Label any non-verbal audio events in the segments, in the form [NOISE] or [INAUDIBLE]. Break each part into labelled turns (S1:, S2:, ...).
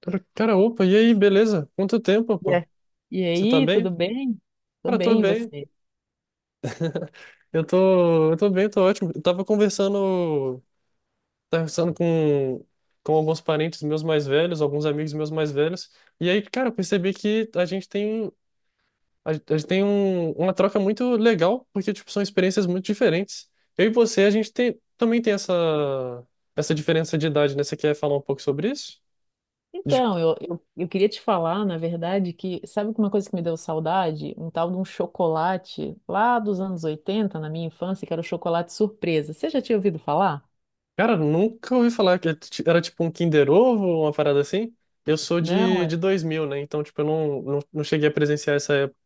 S1: Cara, cara, opa, e aí, beleza? Quanto tempo,
S2: E
S1: pô?
S2: a- e
S1: Você tá
S2: aí, tudo
S1: bem?
S2: bem? Tô
S1: Cara, tô
S2: bem, e
S1: bem.
S2: você?
S1: Eu tô bem, tô ótimo. Eu tava conversando com alguns parentes meus mais velhos, alguns amigos meus mais velhos. E aí, cara, eu percebi que a gente tem, uma troca muito legal, porque, tipo, são experiências muito diferentes. Eu e você, também tem essa diferença de idade, né? Você quer falar um pouco sobre isso?
S2: Então, eu queria te falar, na verdade, que sabe uma coisa que me deu saudade? Um tal de um chocolate lá dos anos 80 na minha infância, que era o chocolate surpresa. Você já tinha ouvido falar?
S1: Cara, nunca ouvi falar que era tipo um Kinder Ovo ou uma parada assim. Eu sou
S2: Não?
S1: de,
S2: É.
S1: de 2000, né? Então, tipo, eu não cheguei a presenciar essa época.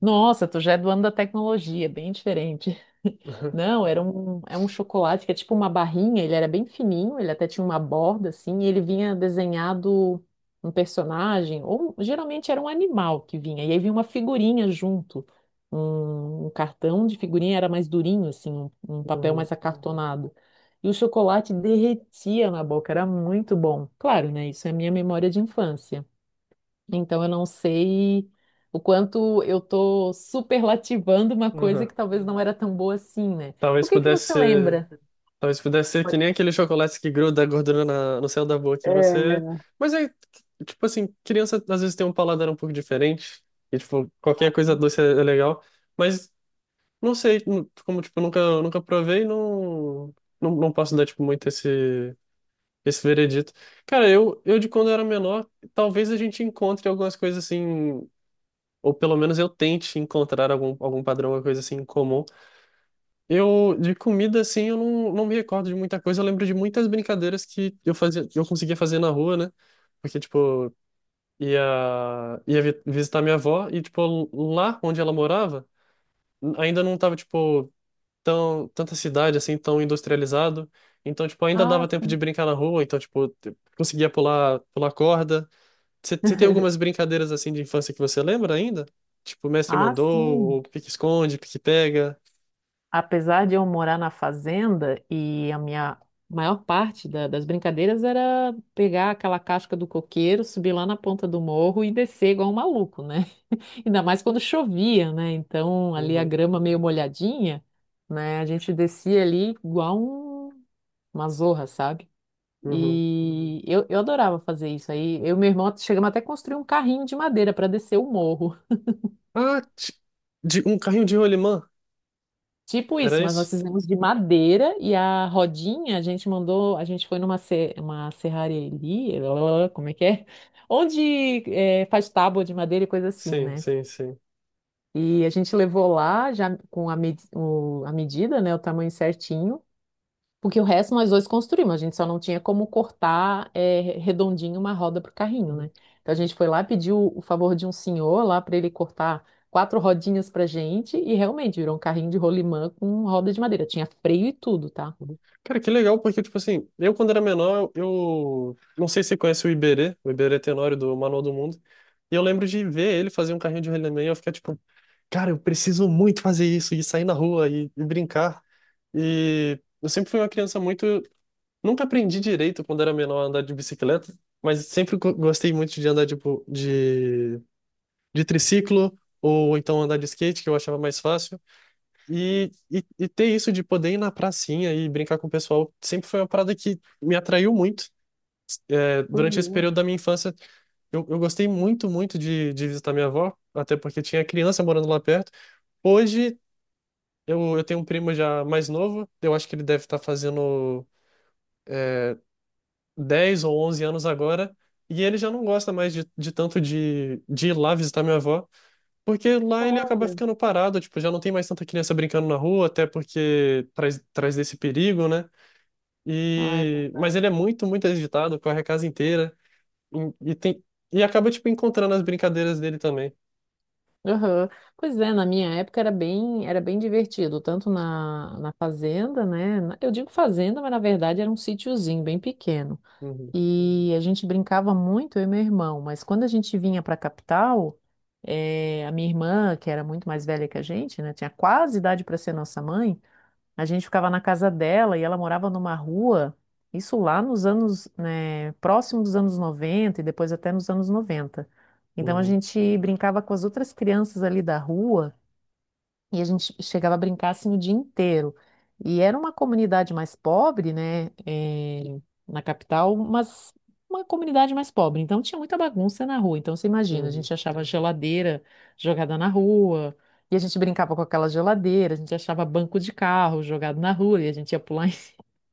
S2: Nossa, tu já é do ano da tecnologia, bem diferente. [LAUGHS]
S1: [LAUGHS]
S2: Não, era um, é um chocolate que é tipo uma barrinha, ele era bem fininho, ele até tinha uma borda assim, e ele vinha desenhado um personagem, ou geralmente era um animal que vinha, e aí vinha uma figurinha junto. Um cartão de figurinha era mais durinho, assim, um papel
S1: Uhum,
S2: mais acartonado. E o chocolate derretia na boca, era muito bom. Claro, né? Isso é a minha memória de infância. Então eu não sei o quanto eu tô superlativando uma coisa
S1: uhum.
S2: que talvez não era tão boa assim, né? O
S1: Talvez
S2: que que
S1: pudesse
S2: você
S1: ser,
S2: lembra?
S1: talvez pudesse ser que nem aquele chocolate que gruda a gordura no céu da boca e você.
S2: É.
S1: Mas é, tipo assim, criança às vezes tem um paladar um pouco diferente. E, tipo, qualquer coisa doce é legal. Mas não sei, como, tipo, eu nunca provei. Não, não posso dar, tipo, muito esse. Esse veredito. Cara, eu de quando eu era menor, talvez a gente encontre algumas coisas assim, ou pelo menos eu tente encontrar algum padrão, alguma coisa assim em comum. Eu, de comida, assim, eu não me recordo de muita coisa. Eu lembro de muitas brincadeiras que eu fazia, que eu conseguia fazer na rua, né? Porque, tipo, ia, visitar minha avó e, tipo, lá onde ela morava, ainda não tava, tipo, tanta cidade assim, tão industrializado. Então, tipo, ainda
S2: Ah,
S1: dava tempo de
S2: sim.
S1: brincar na rua, então, tipo, conseguia pular corda. Você tem algumas brincadeiras assim de infância que você lembra ainda? Tipo, mestre
S2: Ah,
S1: mandou,
S2: sim.
S1: ou pique-esconde, pique-pega.
S2: Apesar de eu morar na fazenda, e a minha maior parte das brincadeiras era pegar aquela casca do coqueiro, subir lá na ponta do morro e descer igual um maluco, né? [LAUGHS] Ainda mais quando chovia, né? Então ali a
S1: Uhum,
S2: grama meio molhadinha, né? A gente descia ali igual uma zorra, sabe?
S1: uhum.
S2: E eu adorava fazer isso. Aí eu e meu irmão chegamos até a construir um carrinho de madeira para descer o morro. [LAUGHS]
S1: Ah, um carrinho de rolimã,
S2: Tipo
S1: era
S2: isso, mas nós
S1: isso?
S2: fizemos de madeira e a rodinha a gente mandou. A gente foi numa se- uma serraria ali, como é que é? Onde é, faz tábua de madeira e coisa assim,
S1: Sim,
S2: né?
S1: sim, sim.
S2: E a gente levou lá já com a medida, né? O tamanho certinho. Porque o resto nós dois construímos, a gente só não tinha como cortar redondinho uma roda para o carrinho,
S1: Uhum,
S2: né? Então a gente foi lá, pediu o favor de um senhor lá para ele cortar quatro rodinhas para gente e realmente virou um carrinho de rolimã com roda de madeira. Tinha freio e tudo, tá?
S1: uhum. Cara, que legal, porque, tipo assim, eu quando era menor, eu não sei se você conhece o Iberê Tenório do Manual do Mundo, e eu lembro de ver ele fazer um carrinho de He-Man e eu ficar tipo, cara, eu preciso muito fazer isso, e sair na rua e brincar. E eu sempre fui uma criança muito. Nunca aprendi direito quando era menor a andar de bicicleta, mas sempre gostei muito de andar de, de triciclo, ou então andar de skate, que eu achava mais fácil. E ter isso de poder ir na pracinha e brincar com o pessoal sempre foi uma parada que me atraiu muito. É,
S2: Foi
S1: durante esse
S2: mesmo.
S1: período da minha infância, eu gostei muito, muito de visitar minha avó, até porque tinha criança morando lá perto. Hoje, eu tenho um primo já mais novo, eu acho que ele deve estar fazendo 10 ou 11 anos agora, e ele já não gosta mais de tanto de ir lá visitar minha avó, porque lá ele acaba
S2: Olha.
S1: ficando parado, tipo, já não tem mais tanta criança brincando na rua, até porque traz desse perigo, né?
S2: Ai, tá.
S1: E... Mas ele é muito, muito agitado, corre a casa inteira. E tem... e acaba, tipo, encontrando as brincadeiras dele também.
S2: Aham. Pois é, na minha época era bem divertido, tanto na fazenda, né? Eu digo fazenda, mas na verdade era um sítiozinho bem pequeno.
S1: Uhum,
S2: E a gente brincava muito, eu e meu irmão, mas quando a gente vinha para a capital, a minha irmã, que era muito mais velha que a gente, né, tinha quase idade para ser nossa mãe, a gente ficava na casa dela e ela morava numa rua, isso lá nos anos, né, próximo dos anos 90 e depois até nos anos 90. Então a
S1: uhum,
S2: gente brincava com as outras crianças ali da rua e a gente chegava a brincar assim o dia inteiro. E era uma comunidade mais pobre, né? Na capital, mas uma comunidade mais pobre. Então tinha muita bagunça na rua. Então você imagina, a
S1: uhum.
S2: gente achava geladeira jogada na rua, e a gente brincava com aquela geladeira, a gente achava banco de carro jogado na rua, e a gente ia pular [LAUGHS] em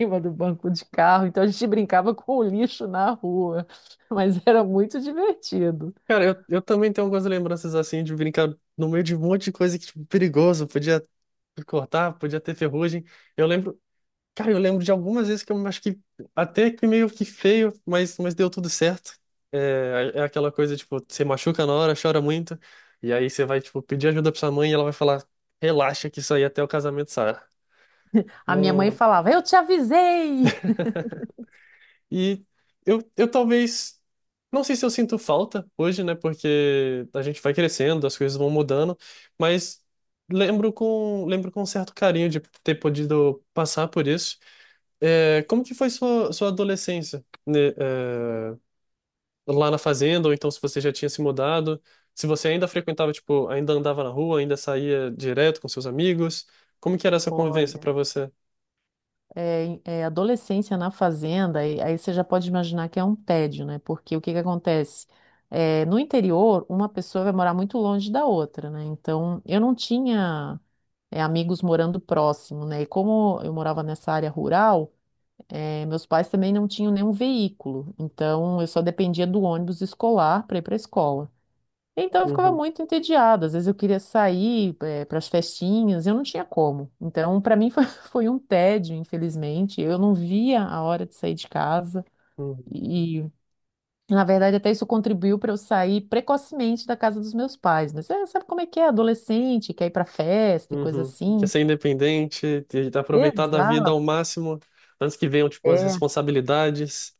S2: cima do banco de carro. Então a gente brincava com o lixo na rua. [LAUGHS] Mas era muito divertido.
S1: Cara, eu também tenho algumas lembranças, assim, de brincar no meio de um monte de coisa que, tipo, perigoso. Podia cortar, podia ter ferrugem. Eu lembro... Cara, eu lembro de algumas vezes que eu acho que até que meio que feio, mas deu tudo certo. É aquela coisa, tipo, você machuca na hora, chora muito, e aí você vai, tipo, pedir ajuda pra sua mãe e ela vai falar, relaxa que isso aí até o casamento sai.
S2: A minha mãe
S1: Não...
S2: falava: "Eu te avisei!"
S1: E eu talvez. Não sei se eu sinto falta hoje, né? Porque a gente vai crescendo, as coisas vão mudando, mas lembro com um certo carinho de ter podido passar por isso. É, como que foi sua adolescência, né, é, lá na fazenda, ou então se você já tinha se mudado, se você ainda frequentava, tipo, ainda andava na rua, ainda saía direto com seus amigos, como que era essa convivência
S2: Olha.
S1: para você?
S2: Adolescência na fazenda, e aí você já pode imaginar que é um tédio, né? Porque o que que acontece? É, no interior, uma pessoa vai morar muito longe da outra, né? Então, eu não tinha, amigos morando próximo, né? E como eu morava nessa área rural, meus pais também não tinham nenhum veículo, então eu só dependia do ônibus escolar para ir para a escola. Então eu ficava
S1: Uhum,
S2: muito entediada. Às vezes eu queria sair, para as festinhas, eu não tinha como. Então, para mim foi, [LAUGHS] foi um tédio, infelizmente. Eu não via a hora de sair de casa.
S1: uhum.
S2: E, na verdade, até isso contribuiu para eu sair precocemente da casa dos meus pais. Mas é, sabe como é que é? Adolescente, quer ir para festa e coisa
S1: Uhum. Quer
S2: assim.
S1: ser independente, aproveitar da vida ao
S2: Exato,
S1: máximo, antes que venham, tipo, as
S2: é.
S1: responsabilidades.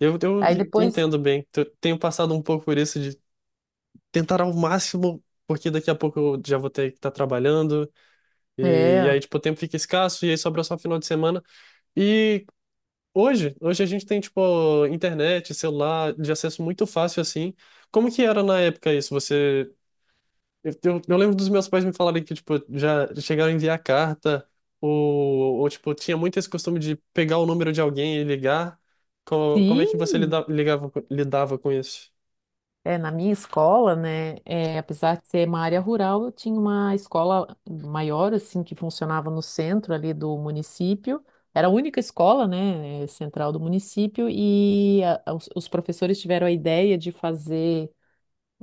S1: Eu
S2: Aí depois,
S1: entendo bem. Tenho passado um pouco por isso de tentar ao máximo, porque daqui a pouco eu já vou ter que estar trabalhando, e
S2: é.
S1: aí, tipo, o tempo fica escasso, e aí sobra só final de semana. E hoje a gente tem, tipo, internet, celular, de acesso muito fácil, assim. Como que era na época isso? Eu lembro dos meus pais me falarem que, tipo, já chegaram a enviar carta, ou tipo, tinha muito esse costume de pegar o número de alguém e ligar. Como é
S2: Sim,
S1: que você lidava com isso?
S2: Na minha escola, né, apesar de ser uma área rural, eu tinha uma escola maior, assim, que funcionava no centro ali do município. Era a única escola, né, central do município, e os professores tiveram a ideia de fazer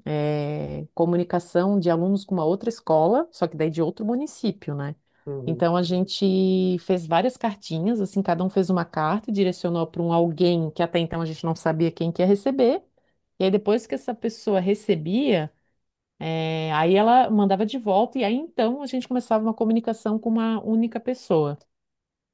S2: comunicação de alunos com uma outra escola, só que daí de outro município, né?
S1: Uhum,
S2: Então a gente fez várias cartinhas, assim, cada um fez uma carta e direcionou para um alguém que até então a gente não sabia quem que ia receber. E aí, depois que essa pessoa recebia, aí ela mandava de volta, e aí então a gente começava uma comunicação com uma única pessoa.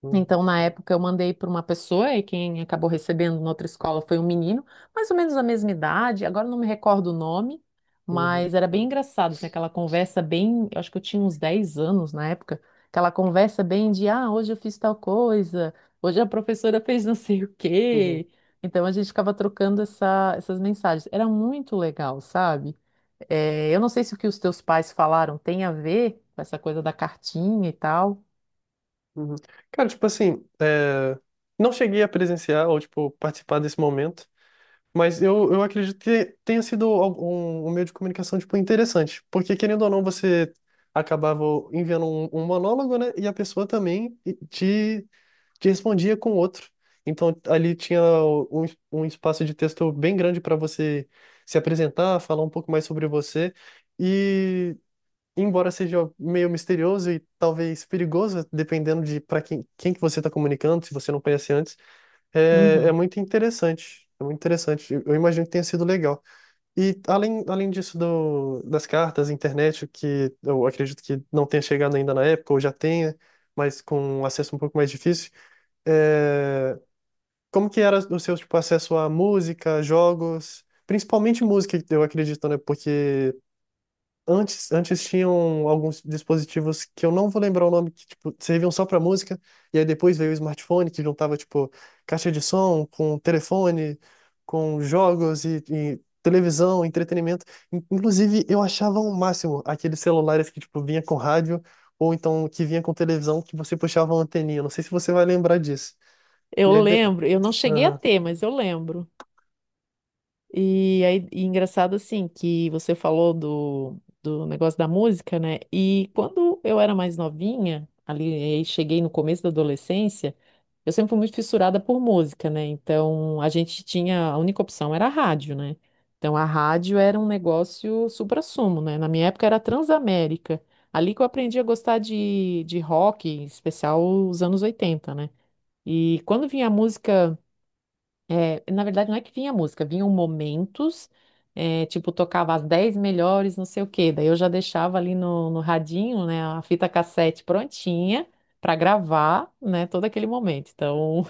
S1: uhum,
S2: Então, na época, eu mandei para uma pessoa e quem acabou recebendo na outra escola foi um menino, mais ou menos da mesma idade, agora eu não me recordo o nome,
S1: uhum,
S2: mas era bem engraçado, assim, aquela conversa bem, eu acho que eu tinha uns 10 anos na época, aquela conversa bem de, ah, hoje eu fiz tal coisa, hoje a professora fez não sei o
S1: uhum,
S2: quê. Então, a gente ficava trocando essas mensagens. Era muito legal, sabe? Eu não sei se o que os teus pais falaram tem a ver com essa coisa da cartinha e tal.
S1: uhum. Cara, tipo assim, é, não cheguei a presenciar ou, tipo, participar desse momento. Mas eu acredito que tenha sido algum, um um meio de comunicação, tipo, interessante. Porque, querendo ou não, você acabava enviando um monólogo, né? E a pessoa também te, te respondia com outro. Então, ali tinha um, um espaço de texto bem grande para você se apresentar, falar um pouco mais sobre você. E, embora seja meio misterioso e talvez perigoso, dependendo de para quem que você está comunicando, se você não conhece antes, é muito interessante. É muito interessante. Eu imagino que tenha sido legal. E além disso das cartas, internet, que eu acredito que não tenha chegado ainda na época, ou já tenha, mas com um acesso um pouco mais difícil, é, como que era o seu tipo, acesso à música, jogos, principalmente música, eu acredito, né? Porque antes tinham alguns dispositivos que eu não vou lembrar o nome, que tipo, serviam só para música, e aí depois veio o smartphone, que juntava tipo caixa de som com telefone, com jogos e televisão, entretenimento. Inclusive, eu achava o máximo aqueles celulares que tipo vinha com rádio ou então que vinha com televisão que você puxava uma anteninha. Não sei se você vai lembrar disso.
S2: Eu
S1: E aí de...
S2: lembro, eu não cheguei a
S1: Aham,
S2: ter, mas eu lembro. E aí, e engraçado assim, que você falou do negócio da música, né? E quando eu era mais novinha, ali, aí cheguei no começo da adolescência, eu sempre fui muito fissurada por música, né? Então, a gente tinha, a única opção era a rádio, né? Então, a rádio era um negócio suprassumo, né? Na minha época era a Transamérica. Ali que eu aprendi a gostar de rock, em especial os anos 80, né? E quando vinha a música na verdade, não é que vinha música, vinham momentos, tipo, tocava as 10 melhores, não sei o quê. Daí eu já deixava ali no radinho, né, a fita cassete prontinha para gravar, né, todo aquele momento. Então,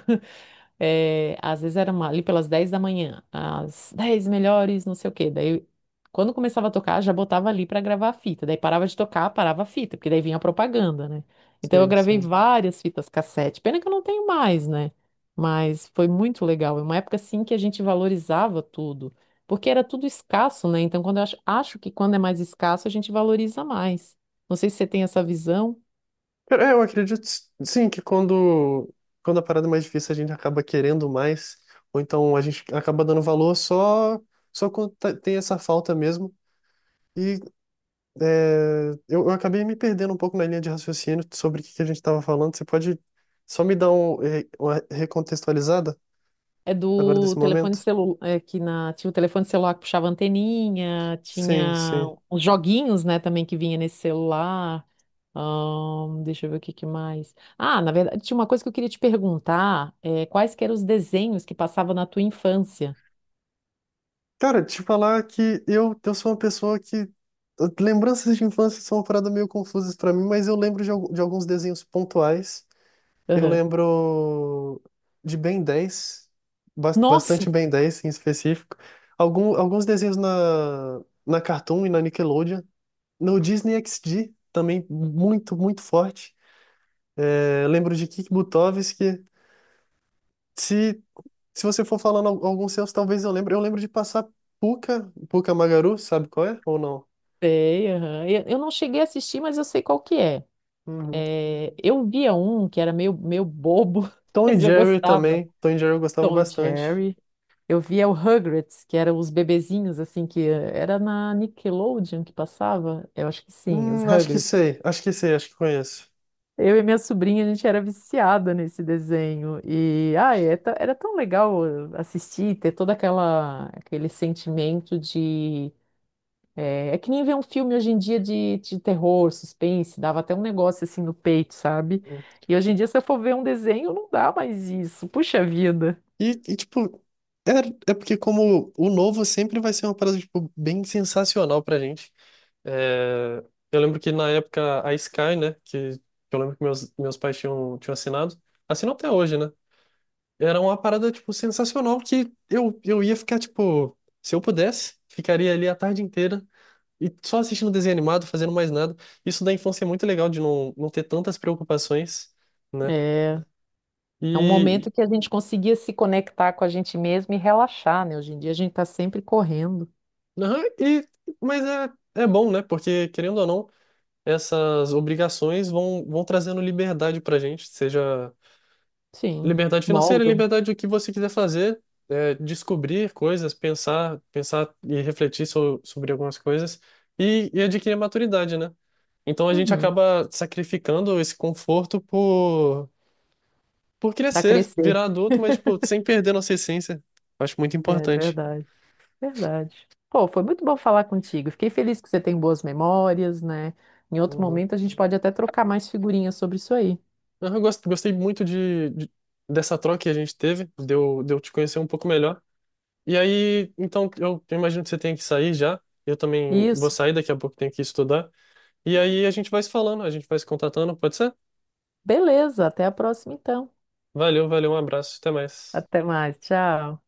S2: às vezes era ali pelas 10 da manhã, as 10 melhores, não sei o quê. Daí, quando começava a tocar, já botava ali pra gravar a fita. Daí parava de tocar, parava a fita, porque daí vinha a propaganda, né? Então eu
S1: sim,
S2: gravei
S1: sim.
S2: várias fitas cassete. Pena que eu não tenho mais, né? Mas foi muito legal. É uma época assim que a gente valorizava tudo, porque era tudo escasso, né? Então quando eu acho que quando é mais escasso, a gente valoriza mais. Não sei se você tem essa visão.
S1: Cara, eu acredito sim que quando a parada é mais difícil a gente acaba querendo mais, ou então a gente acaba dando valor só quando tem essa falta mesmo. E eu acabei me perdendo um pouco na linha de raciocínio sobre o que que a gente estava falando. Você pode só me dar uma recontextualizada
S2: É
S1: agora
S2: do
S1: desse
S2: telefone
S1: momento?
S2: celular, que tinha o telefone celular que puxava anteninha,
S1: Sim,
S2: tinha
S1: sim.
S2: os joguinhos, né, também que vinha nesse celular. Deixa eu ver o que que mais. Ah, na verdade, tinha uma coisa que eu queria te perguntar, quais que eram os desenhos que passavam na tua infância?
S1: Cara, te falar que eu sou uma pessoa que. Lembranças de infância são uma parada meio confusas para mim, mas eu lembro de alguns desenhos pontuais. Eu
S2: Aham.
S1: lembro de Ben 10, bastante
S2: Nossa,
S1: Ben 10 em específico. Alguns desenhos na Cartoon e na Nickelodeon. No Disney XD também, muito, muito forte. É, lembro de Kik Butovski. Se, se você for falando alguns seus, talvez eu lembre. Eu lembro de passar Pucca, Pucca Magaru, sabe qual é? Ou não?
S2: sei, aham. Eu não cheguei a assistir, mas eu sei qual que é.
S1: Uhum.
S2: É, eu via um que era meio, meio bobo, [LAUGHS]
S1: Tom e
S2: mas eu
S1: Jerry
S2: gostava.
S1: também. Tom e Jerry eu gostava
S2: Tom e
S1: bastante.
S2: Jerry. Eu via o Rugrats, que eram os bebezinhos, assim, que era na Nickelodeon que passava? Eu acho que sim, os
S1: Acho que
S2: Rugrats.
S1: sei, acho que sei, acho que conheço.
S2: Eu e minha sobrinha, a gente era viciada nesse desenho. E, ai, era tão legal assistir, ter aquele sentimento de... É, que nem ver um filme hoje em dia de terror, suspense, dava até um negócio assim no peito, sabe? E hoje em dia, se eu for ver um desenho, não dá mais isso. Puxa vida.
S1: E, tipo, é, é porque como o novo sempre vai ser uma parada, tipo, bem sensacional pra gente. É, eu lembro que na época a Sky, né, que eu lembro que meus pais tinham, tinham assinado, assinam até hoje, né? Era uma parada, tipo, sensacional que eu ia ficar, tipo, se eu pudesse, ficaria ali a tarde inteira e só assistindo desenho animado, fazendo mais nada. Isso da infância é muito legal de não ter tantas preocupações, né?
S2: é É um momento que a gente conseguia se conectar com a gente mesmo e relaxar, né? Hoje em dia a gente está sempre correndo.
S1: Aham, e, mas é bom, né? Porque, querendo ou não, essas obrigações vão trazendo liberdade pra gente, seja
S2: Sim,
S1: liberdade financeira,
S2: moldam.
S1: liberdade do que você quiser fazer, é, descobrir coisas, pensar e refletir sobre algumas coisas e adquirir maturidade, né? Então a gente
S2: Uhum.
S1: acaba sacrificando esse conforto por
S2: Para
S1: crescer,
S2: crescer.
S1: virar adulto, mas, tipo, sem perder nossa essência. Acho muito
S2: É
S1: importante.
S2: verdade, verdade. Pô, foi muito bom falar contigo. Fiquei feliz que você tem boas memórias, né? Em outro momento a gente pode até trocar mais figurinhas sobre isso aí.
S1: Não, eu gostei muito dessa troca que a gente teve, de eu te conhecer um pouco melhor. E aí, então, eu imagino que você tenha que sair já. Eu também vou
S2: Isso.
S1: sair, daqui a pouco tenho que estudar. E aí a gente vai se falando, a gente vai se contatando, pode ser?
S2: Beleza, até a próxima então.
S1: Valeu, valeu, um abraço, até mais.
S2: Até mais, tchau.